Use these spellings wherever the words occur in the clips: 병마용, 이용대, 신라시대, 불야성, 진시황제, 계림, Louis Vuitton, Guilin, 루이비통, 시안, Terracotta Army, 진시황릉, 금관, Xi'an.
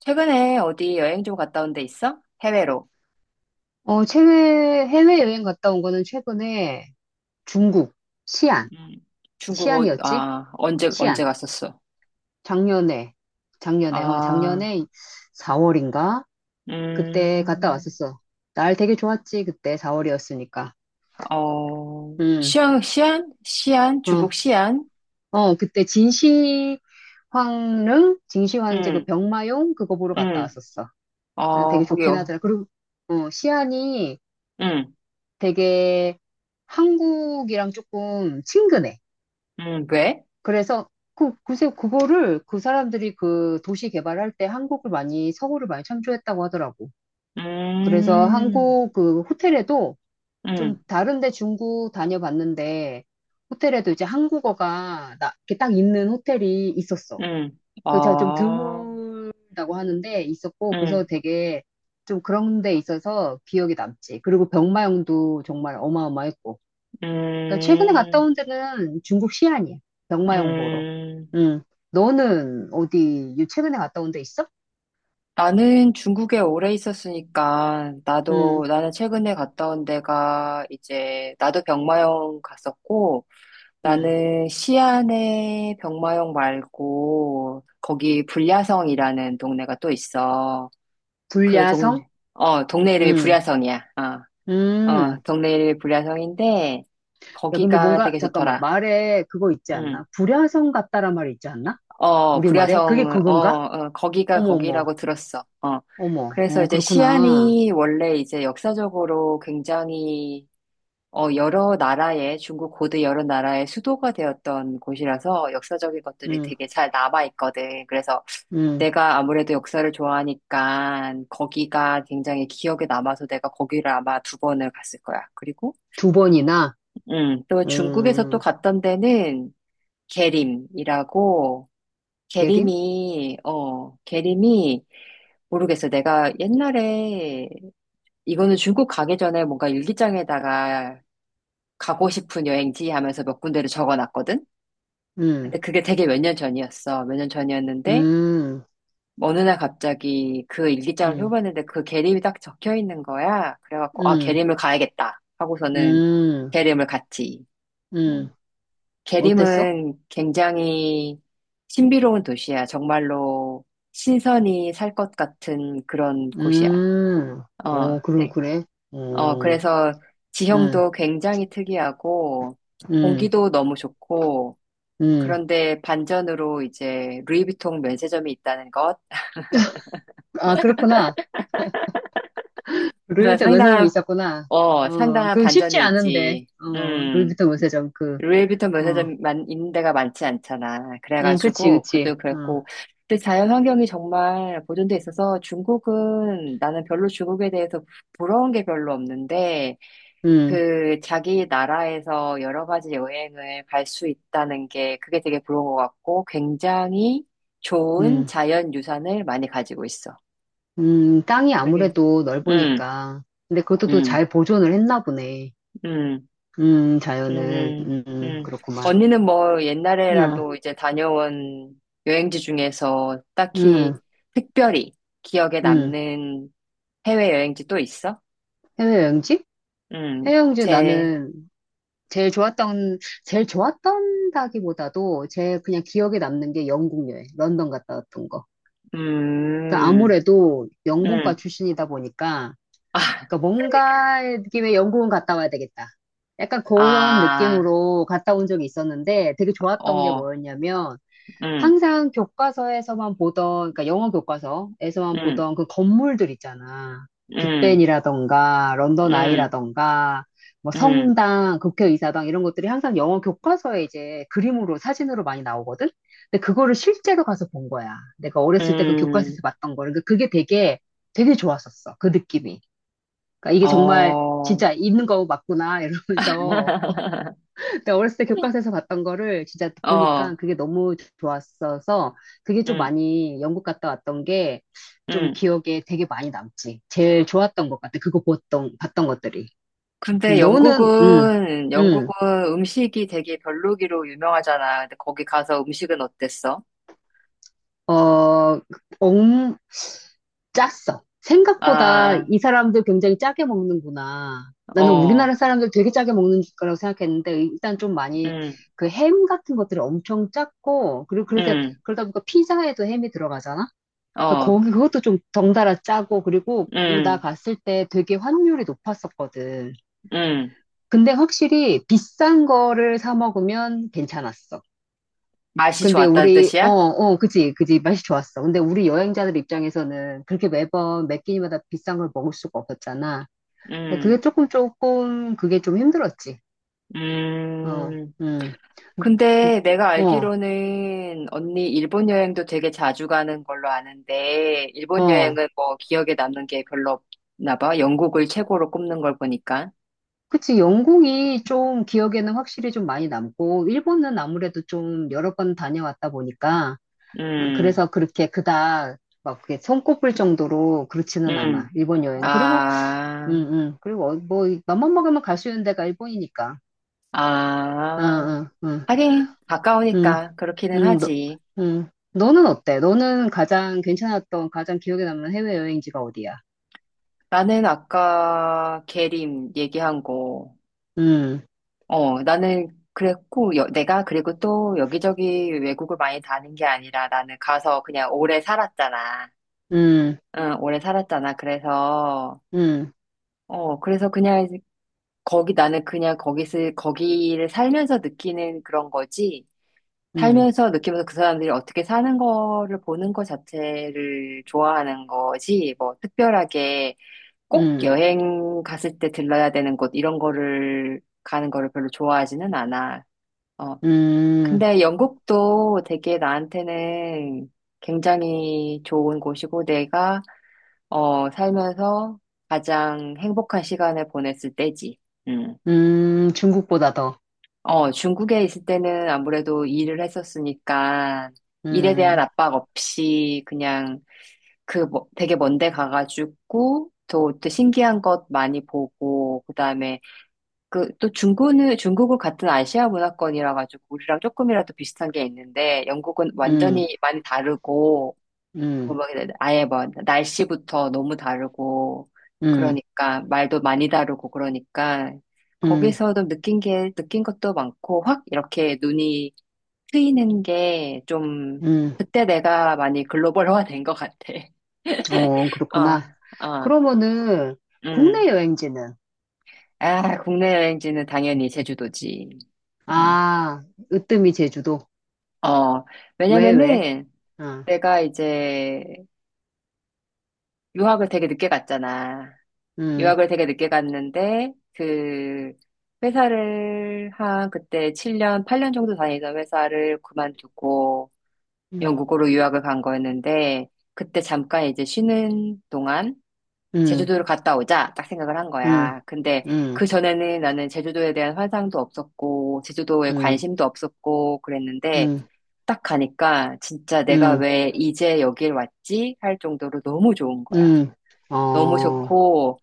최근에 어디 여행 좀 갔다 온데 있어? 해외로. 해외여행 갔다 온 거는 최근에 중국, 시안, 음, 중국, 시안이었지? 언제 시안. 갔었어? 작년에, 아, 작년에 4월인가? 그때 갔다 음, 왔었어. 날 되게 좋았지, 그때 4월이었으니까. 어, 음, 시안, 시안? 시안? 어, 중국 시안? 그때 진시황릉, 진시황제 그 응, 병마용 그거 보러 갔다 응. 왔었어. 아, 되게 어, 좋긴 거기요. 하더라. 그리고, 시안이 응, 되게 한국이랑 조금 친근해. 응. 왜? 그래서 글쎄 그거를 그 사람들이 그 도시 개발할 때 한국을 많이, 서울을 많이 참조했다고 하더라고. 그래서 음, 한국 그 호텔에도 좀 응, 다른데 중국 다녀봤는데 호텔에도 이제 한국어가 이렇게 딱 있는 호텔이 있었어. 응. 그 제가 좀 어, 드물다고 하는데 있었고 그래서 음, 되게 좀 그런 데 있어서 기억이 남지. 그리고 병마용도 정말 어마어마했고. 그러니까 최근에 갔다 음, 온 데는 중국 시안이야. 병마용 보러. 음. 음. 너는 어디 최근에 갔다 온데 있어? 나는 중국에 오래 있었으니까, 음. 나는 최근에 갔다 온 데가 이제, 나도 병마용 갔었고, 음. 나는 시안에 병마용 말고, 거기 불야성이라는 동네가 또 있어. 그 동, 불야성? 동네 이름이 음. 불야성이야. 어, 음. 동네 이름이 불야성인데, 야, 근데 거기가 뭔가 되게 잠깐만 좋더라. 말에 그거 있지 응. 않나? 불야성 같다란 말이 있지 않나? 어, 우리말에? 그게 불야성, 그건가? 거기가 어머 어머. 거기라고 들었어. 어. 어머. 그래서 어, 이제 그렇구나. 시안이 원래 이제 역사적으로 굉장히, 중국 고대 여러 나라의 수도가 되었던 곳이라서 역사적인 것들이 음. 되게 잘 남아있거든. 그래서 음. 내가 아무래도 역사를 좋아하니까 거기가 굉장히 기억에 남아서 내가 거기를 아마 두 번을 갔을 거야. 그리고, 두 번이나. 또 중국에서 또 음. 갔던 데는 계림이라고, 계림? 게림이, 모르겠어. 내가 옛날에, 이거는 중국 가기 전에 뭔가 일기장에다가 가고 싶은 여행지 하면서 몇 군데를 적어 놨거든? 근데 음. 그게 되게 몇 년 전이었어. 몇 년 전이었는데, 음. 어느 날 갑자기 그 일기장을 음. 펴봤는데 그 게림이 딱 적혀 있는 거야. 그래갖고, 아, 음. 게림을 가야겠다. 하고서는 음. 게림을 갔지. 음. 음. 어땠어? 게림은 굉장히 신비로운 도시야. 정말로 신선히 살 것 같은 그런 곳이야. 음, 어, 어, 그럼, 네. 그래. 어, 그래서 응, 지형도 굉장히 특이하고 응, 공기도 너무 좋고 응. 그런데 반전으로 이제 루이비통 면세점이 있다는 것. 아, 그렇구나. 그래서 루이비통 면세점이 있었구나. 어, 상당한 그 쉽지 반전이 않은데, 있지. 음. 루이비통 면세점, 루이비통 어, 면세점만 있는 데가 많지 않잖아. 응, 그치, 그래가지고 그치. 그것도 어, 그랬고 근데 자연 환경이 정말 보존돼 있어서 중국은 나는 별로 중국에 대해서 부러운 게 별로 없는데 응, 그 자기 나라에서 여러 가지 여행을 갈 수 있다는 게 그게 되게 부러운 것 같고 굉장히 좋은 응, 자연 유산을 많이 가지고 있어. 땅이 그게. 아무래도 음, 넓으니까. 근데 그것도 또 음, 잘 보존을 했나 보네. 음. 자연은, 음, 음. 그렇구만. 언니는 뭐 응, 옛날에라도 이제 다녀온 여행지 중에서 딱히 응, 특별히 기억에 응. 남는 해외 여행지 또 있어? 해외여행지? 음, 해외여행지 제, 나는 제일 좋았던, 제일 좋았던다기보다도 제 그냥 기억에 남는 게 영국 여행, 런던 갔다 왔던 거. 그러니까 음, 아무래도 영문과 음, 출신이다 보니까, 아, 그러니까 뭔가 느낌의 영국은 갔다 와야 되겠다. 약간 그런 아, 느낌으로 갔다 온 적이 있었는데 되게 좋았던 게 어, 뭐였냐면, 음, 항상 교과서에서만 보던, 그러니까 영어 교과서에서만 음, 보던 그 건물들 있잖아. 음, 빅벤이라던가, 런던 음, 아이라던가, 뭐 음, 성당, 국회의사당 이런 것들이 항상 영어 교과서에 이제 그림으로, 사진으로 많이 나오거든? 근데 그거를 실제로 가서 본 거야. 내가 어렸을 때 그 음, 교과서에서 봤던 거를. 그러니까 그게 되게 좋았었어. 그 느낌이. 그러니까 이게 정말 어, 진짜 있는 거 맞구나, 이러면서. 그러니까 어렸을 때 교과서에서 봤던 거를 진짜 보니까 어, 그게 너무 좋았어서 그게 좀 음, 많이 영국 갔다 왔던 게 좀 음. 기억에 되게 많이 남지. 제일 좋았던 것 같아. 봤던 것들이. 근데 너는, 영국은, 음, 영국은 음식이 되게 별로기로 유명하잖아. 근데 거기 가서 음식은 어땠어? 어, 엉, 짰어. 생각보다 아, 이 사람들 굉장히 짜게 먹는구나. 나는 어, 우리나라 사람들 되게 짜게 먹는 거라고 생각했는데 일단 좀 많이 음, 그 햄 같은 것들이 엄청 짰고 그리고 그래서 음, 그러다 보니까 피자에도 햄이 들어가잖아. 그러니까 어, 거기 그것도 좀 덩달아 짜고 그리고 나다 음, 갔을 때 되게 환율이 높았었거든. 음. 근데 확실히 비싼 거를 사 먹으면 괜찮았어. 맛이 근데 좋았다는 우리 뜻이야? 그지 맛이 좋았어. 근데 우리 여행자들 입장에서는 그렇게 매번 매 끼니마다 비싼 걸 먹을 수가 없었잖아. 근데 그게 음, 조금 조금 그게 좀 힘들었지. 어, 음. 음, 음. 근데 내가 어, 알기로는 언니 일본 여행도 되게 자주 가는 걸로 아는데, 일본 어. 여행은 뭐 기억에 남는 게 별로 없나 봐. 영국을 최고로 꼽는 걸 보니까. 그치, 영국이 좀 기억에는 확실히 좀 많이 남고, 일본은 아무래도 좀 여러 번 다녀왔다 보니까, 음, 그래서 그렇게 그닥 막 그게 손꼽을 정도로 그렇지는 음. 않아, 일본 여행. 아. 그리고 뭐, 맘만 먹으면 갈 수 있는 데가 일본이니까. 응, 아, 응, 응, 하긴 응, 가까우니까 그렇기는 응, 하지. 응. 너는 어때? 너는 가장 기억에 남는 해외여행지가 어디야? 나는 아까 계림 얘기한 거, 음 나는 그랬고, 내가 그리고 또 여기저기 외국을 많이 다닌 게 아니라 나는 가서 그냥 오래 살았잖아. 음 응, 오래 살았잖아. 그래서, 음 그래서 그냥 나는 그냥 거기를 살면서 느끼는 그런 거지. 음 살면서 느끼면서 그 사람들이 어떻게 사는 거를 보는 것 자체를 좋아하는 거지, 뭐, 특별하게 음 꼭 음 여행 갔을 때 들러야 되는 곳, 이런 거를 가는 거를 별로 좋아하지는 않아. 어, 근데 영국도 되게 나한테는 굉장히 좋은 곳이고, 살면서 가장 행복한 시간을 보냈을 때지. 음. 중국보다 더. 중국에 있을 때는 아무래도 일을 했었으니까 일에 대한 음. 압박 없이 그냥 되게 먼데 가가지고 또 신기한 것 많이 보고 그다음에 그 또 중국은 같은 아시아 문화권이라 가지고 우리랑 조금이라도 비슷한 게 있는데 영국은 음. 완전히 많이 다르고 뭐, 음. 막 아예 뭐 날씨부터 너무 다르고 음. 그러니까 말도 많이 다르고 그러니까 음. 음. 거기서도 느낀 것도 많고 확 이렇게 눈이 트이는 게 좀 음. 그때 내가 많이 글로벌화 된 것 같아. 어, 그렇구나. 아, 아, 그러면은 음. 국내 여행지는 아, 국내 여행지는 당연히 제주도지. 음. 아, 으뜸이 제주도. 어, 왜 왜? 왜냐면은 아. 내가 이제 유학을 되게 늦게 갔잖아. 음. 유학을 되게 늦게 갔는데 그 회사를 한 그때 7년, 8년 정도 다니던 회사를 그만두고 음. 영국으로 유학을 간 거였는데 그때 잠깐 이제 쉬는 동안 음. 제주도를 갔다 오자 딱 생각을 한 음. 거야. 근데 음. 그 전에는 나는 제주도에 대한 환상도 없었고 제주도에 음. 관심도 없었고 그랬는데 음. 딱 가니까 진짜 내가 음. 왜 이제 여길 왔지? 할 정도로 너무 좋은 거야. 음. 너무 어, 좋고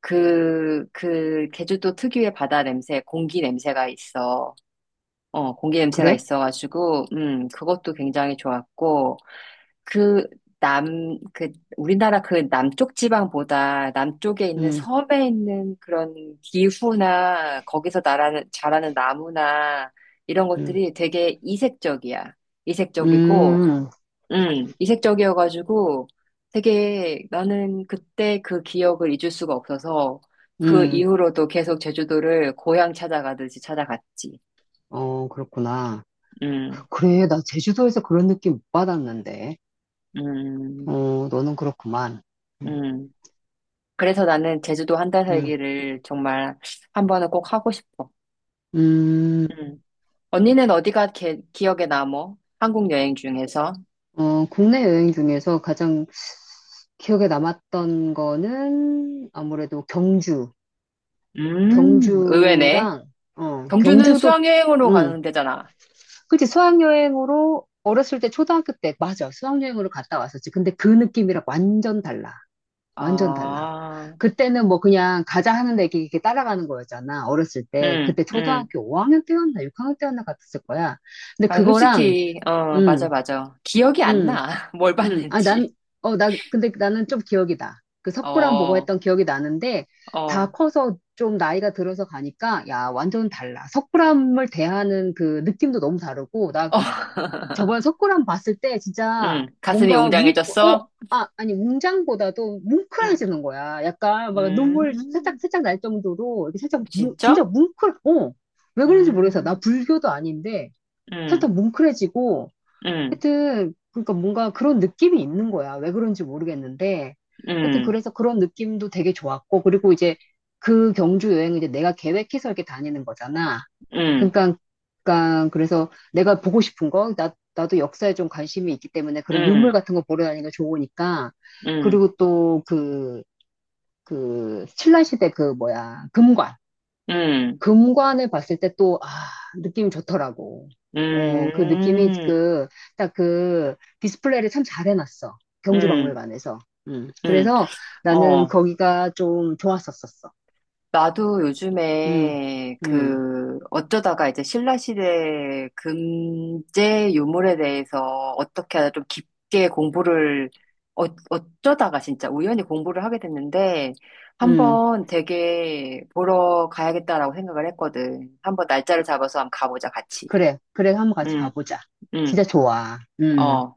제주도 특유의 바다 냄새, 공기 냄새가 있어. 공기 냄새가 그래? 있어가지고, 그것도 굉장히 좋았고, 그, 남, 그, 우리나라 그 남쪽 지방보다 남쪽에 있는 음. 섬에 있는 그런 기후나, 거기서 자라는 나무나, 이런 음. 것들이 되게 이색적이야. 이색적이고, 음. 이색적이어가지고 되게 나는 그때 그 기억을 잊을 수가 없어서 그 음. 이후로도 계속 제주도를 고향 찾아가듯이 찾아갔지. 어, 그렇구나. 음, 그래, 나 제주도에서 그런 느낌 못 받았는데. 음, 어, 너는 그렇구만. 음. 음. 그래서 나는 제주도 한 달 음. 살기를 정말 한 번은 꼭 하고 싶어. 음. 음. 언니는 어디가 기억에 남어? 한국 여행 중에서? 국내 여행 중에서 가장 기억에 남았던 거는 아무래도 경주. 의외네. 경주랑, 경주는 경주도, 수학여행으로 음, 가는 데잖아. 그치, 수학여행으로 어렸을 때 초등학교 때, 맞아. 수학여행으로 갔다 왔었지. 근데 그 느낌이랑 완전 달라. 완전 달라. 아, 그때는 뭐 그냥 가자 하는데 이렇게 따라가는 거였잖아. 어렸을 때. 응, 그때 응. 초등학교 5학년 때였나 6학년 때였나 같았을 거야. 근데 아, 그거랑, 솔직히, 맞아, 음, 맞아. 기억이 안 음. 나. 뭘 아, 봤는지. 근데 나는 좀 기억이 나. 그 어, 석굴랑 보고 어, 했던 기억이 나는데, 다 어. 커서 좀 나이가 들어서 가니까, 야, 완전 달라. 석굴람을 대하는 그 느낌도 너무 다르고, 나 저번에 석굴람 봤을 때 진짜 응, 가슴이 뭔가 어, 웅장해졌어? 아니, 웅장보다도 응, 뭉클해지는 거야. 약간 막 눈물 살짝, 음, 살짝 날 정도로, 이렇게 살짝, 진짜 진짜? 뭉클, 어. 왜 그런지 모르겠어. 나 음, 불교도 아닌데, 음, 살짝 뭉클해지고, 음, 하여튼, 그러니까 뭔가 그런 느낌이 있는 거야. 왜 그런지 모르겠는데. 하여튼 음, 그래서 그런 느낌도 되게 좋았고, 그리고 이제 그 경주 여행을 이제 내가 계획해서 이렇게 다니는 거잖아. 음, 그러니까, 그러니까 그래서 내가 보고 싶은 거, 나도 역사에 좀 관심이 있기 때문에 그런 유물 음, 같은 거 보러 다니는 거 좋으니까. 음, 그리고 또 그, 신라시대 그 뭐야, 금관. 음, 금관을 봤을 때 또, 아, 느낌이 좋더라고. 음, 그 느낌이 음, 딱 그 디스플레이를 참 잘 해놨어. 음, 경주박물관에서. 음. 그래서 나는 어. 거기가 좀 좋았었었어. 나도 음, 요즘에 음, 그 어쩌다가 이제 신라시대 금제 유물에 대해서 어떻게 하다 좀 깊게 공부를 어, 어쩌다가 진짜 우연히 공부를 하게 됐는데 음. 한번 되게 보러 가야겠다라고 생각을 했거든. 한번 날짜를 잡아서 한번 가보자 같이. 그래. 그래, 한번 같이 응, 가보자. 응, 진짜 좋아. 음. 어.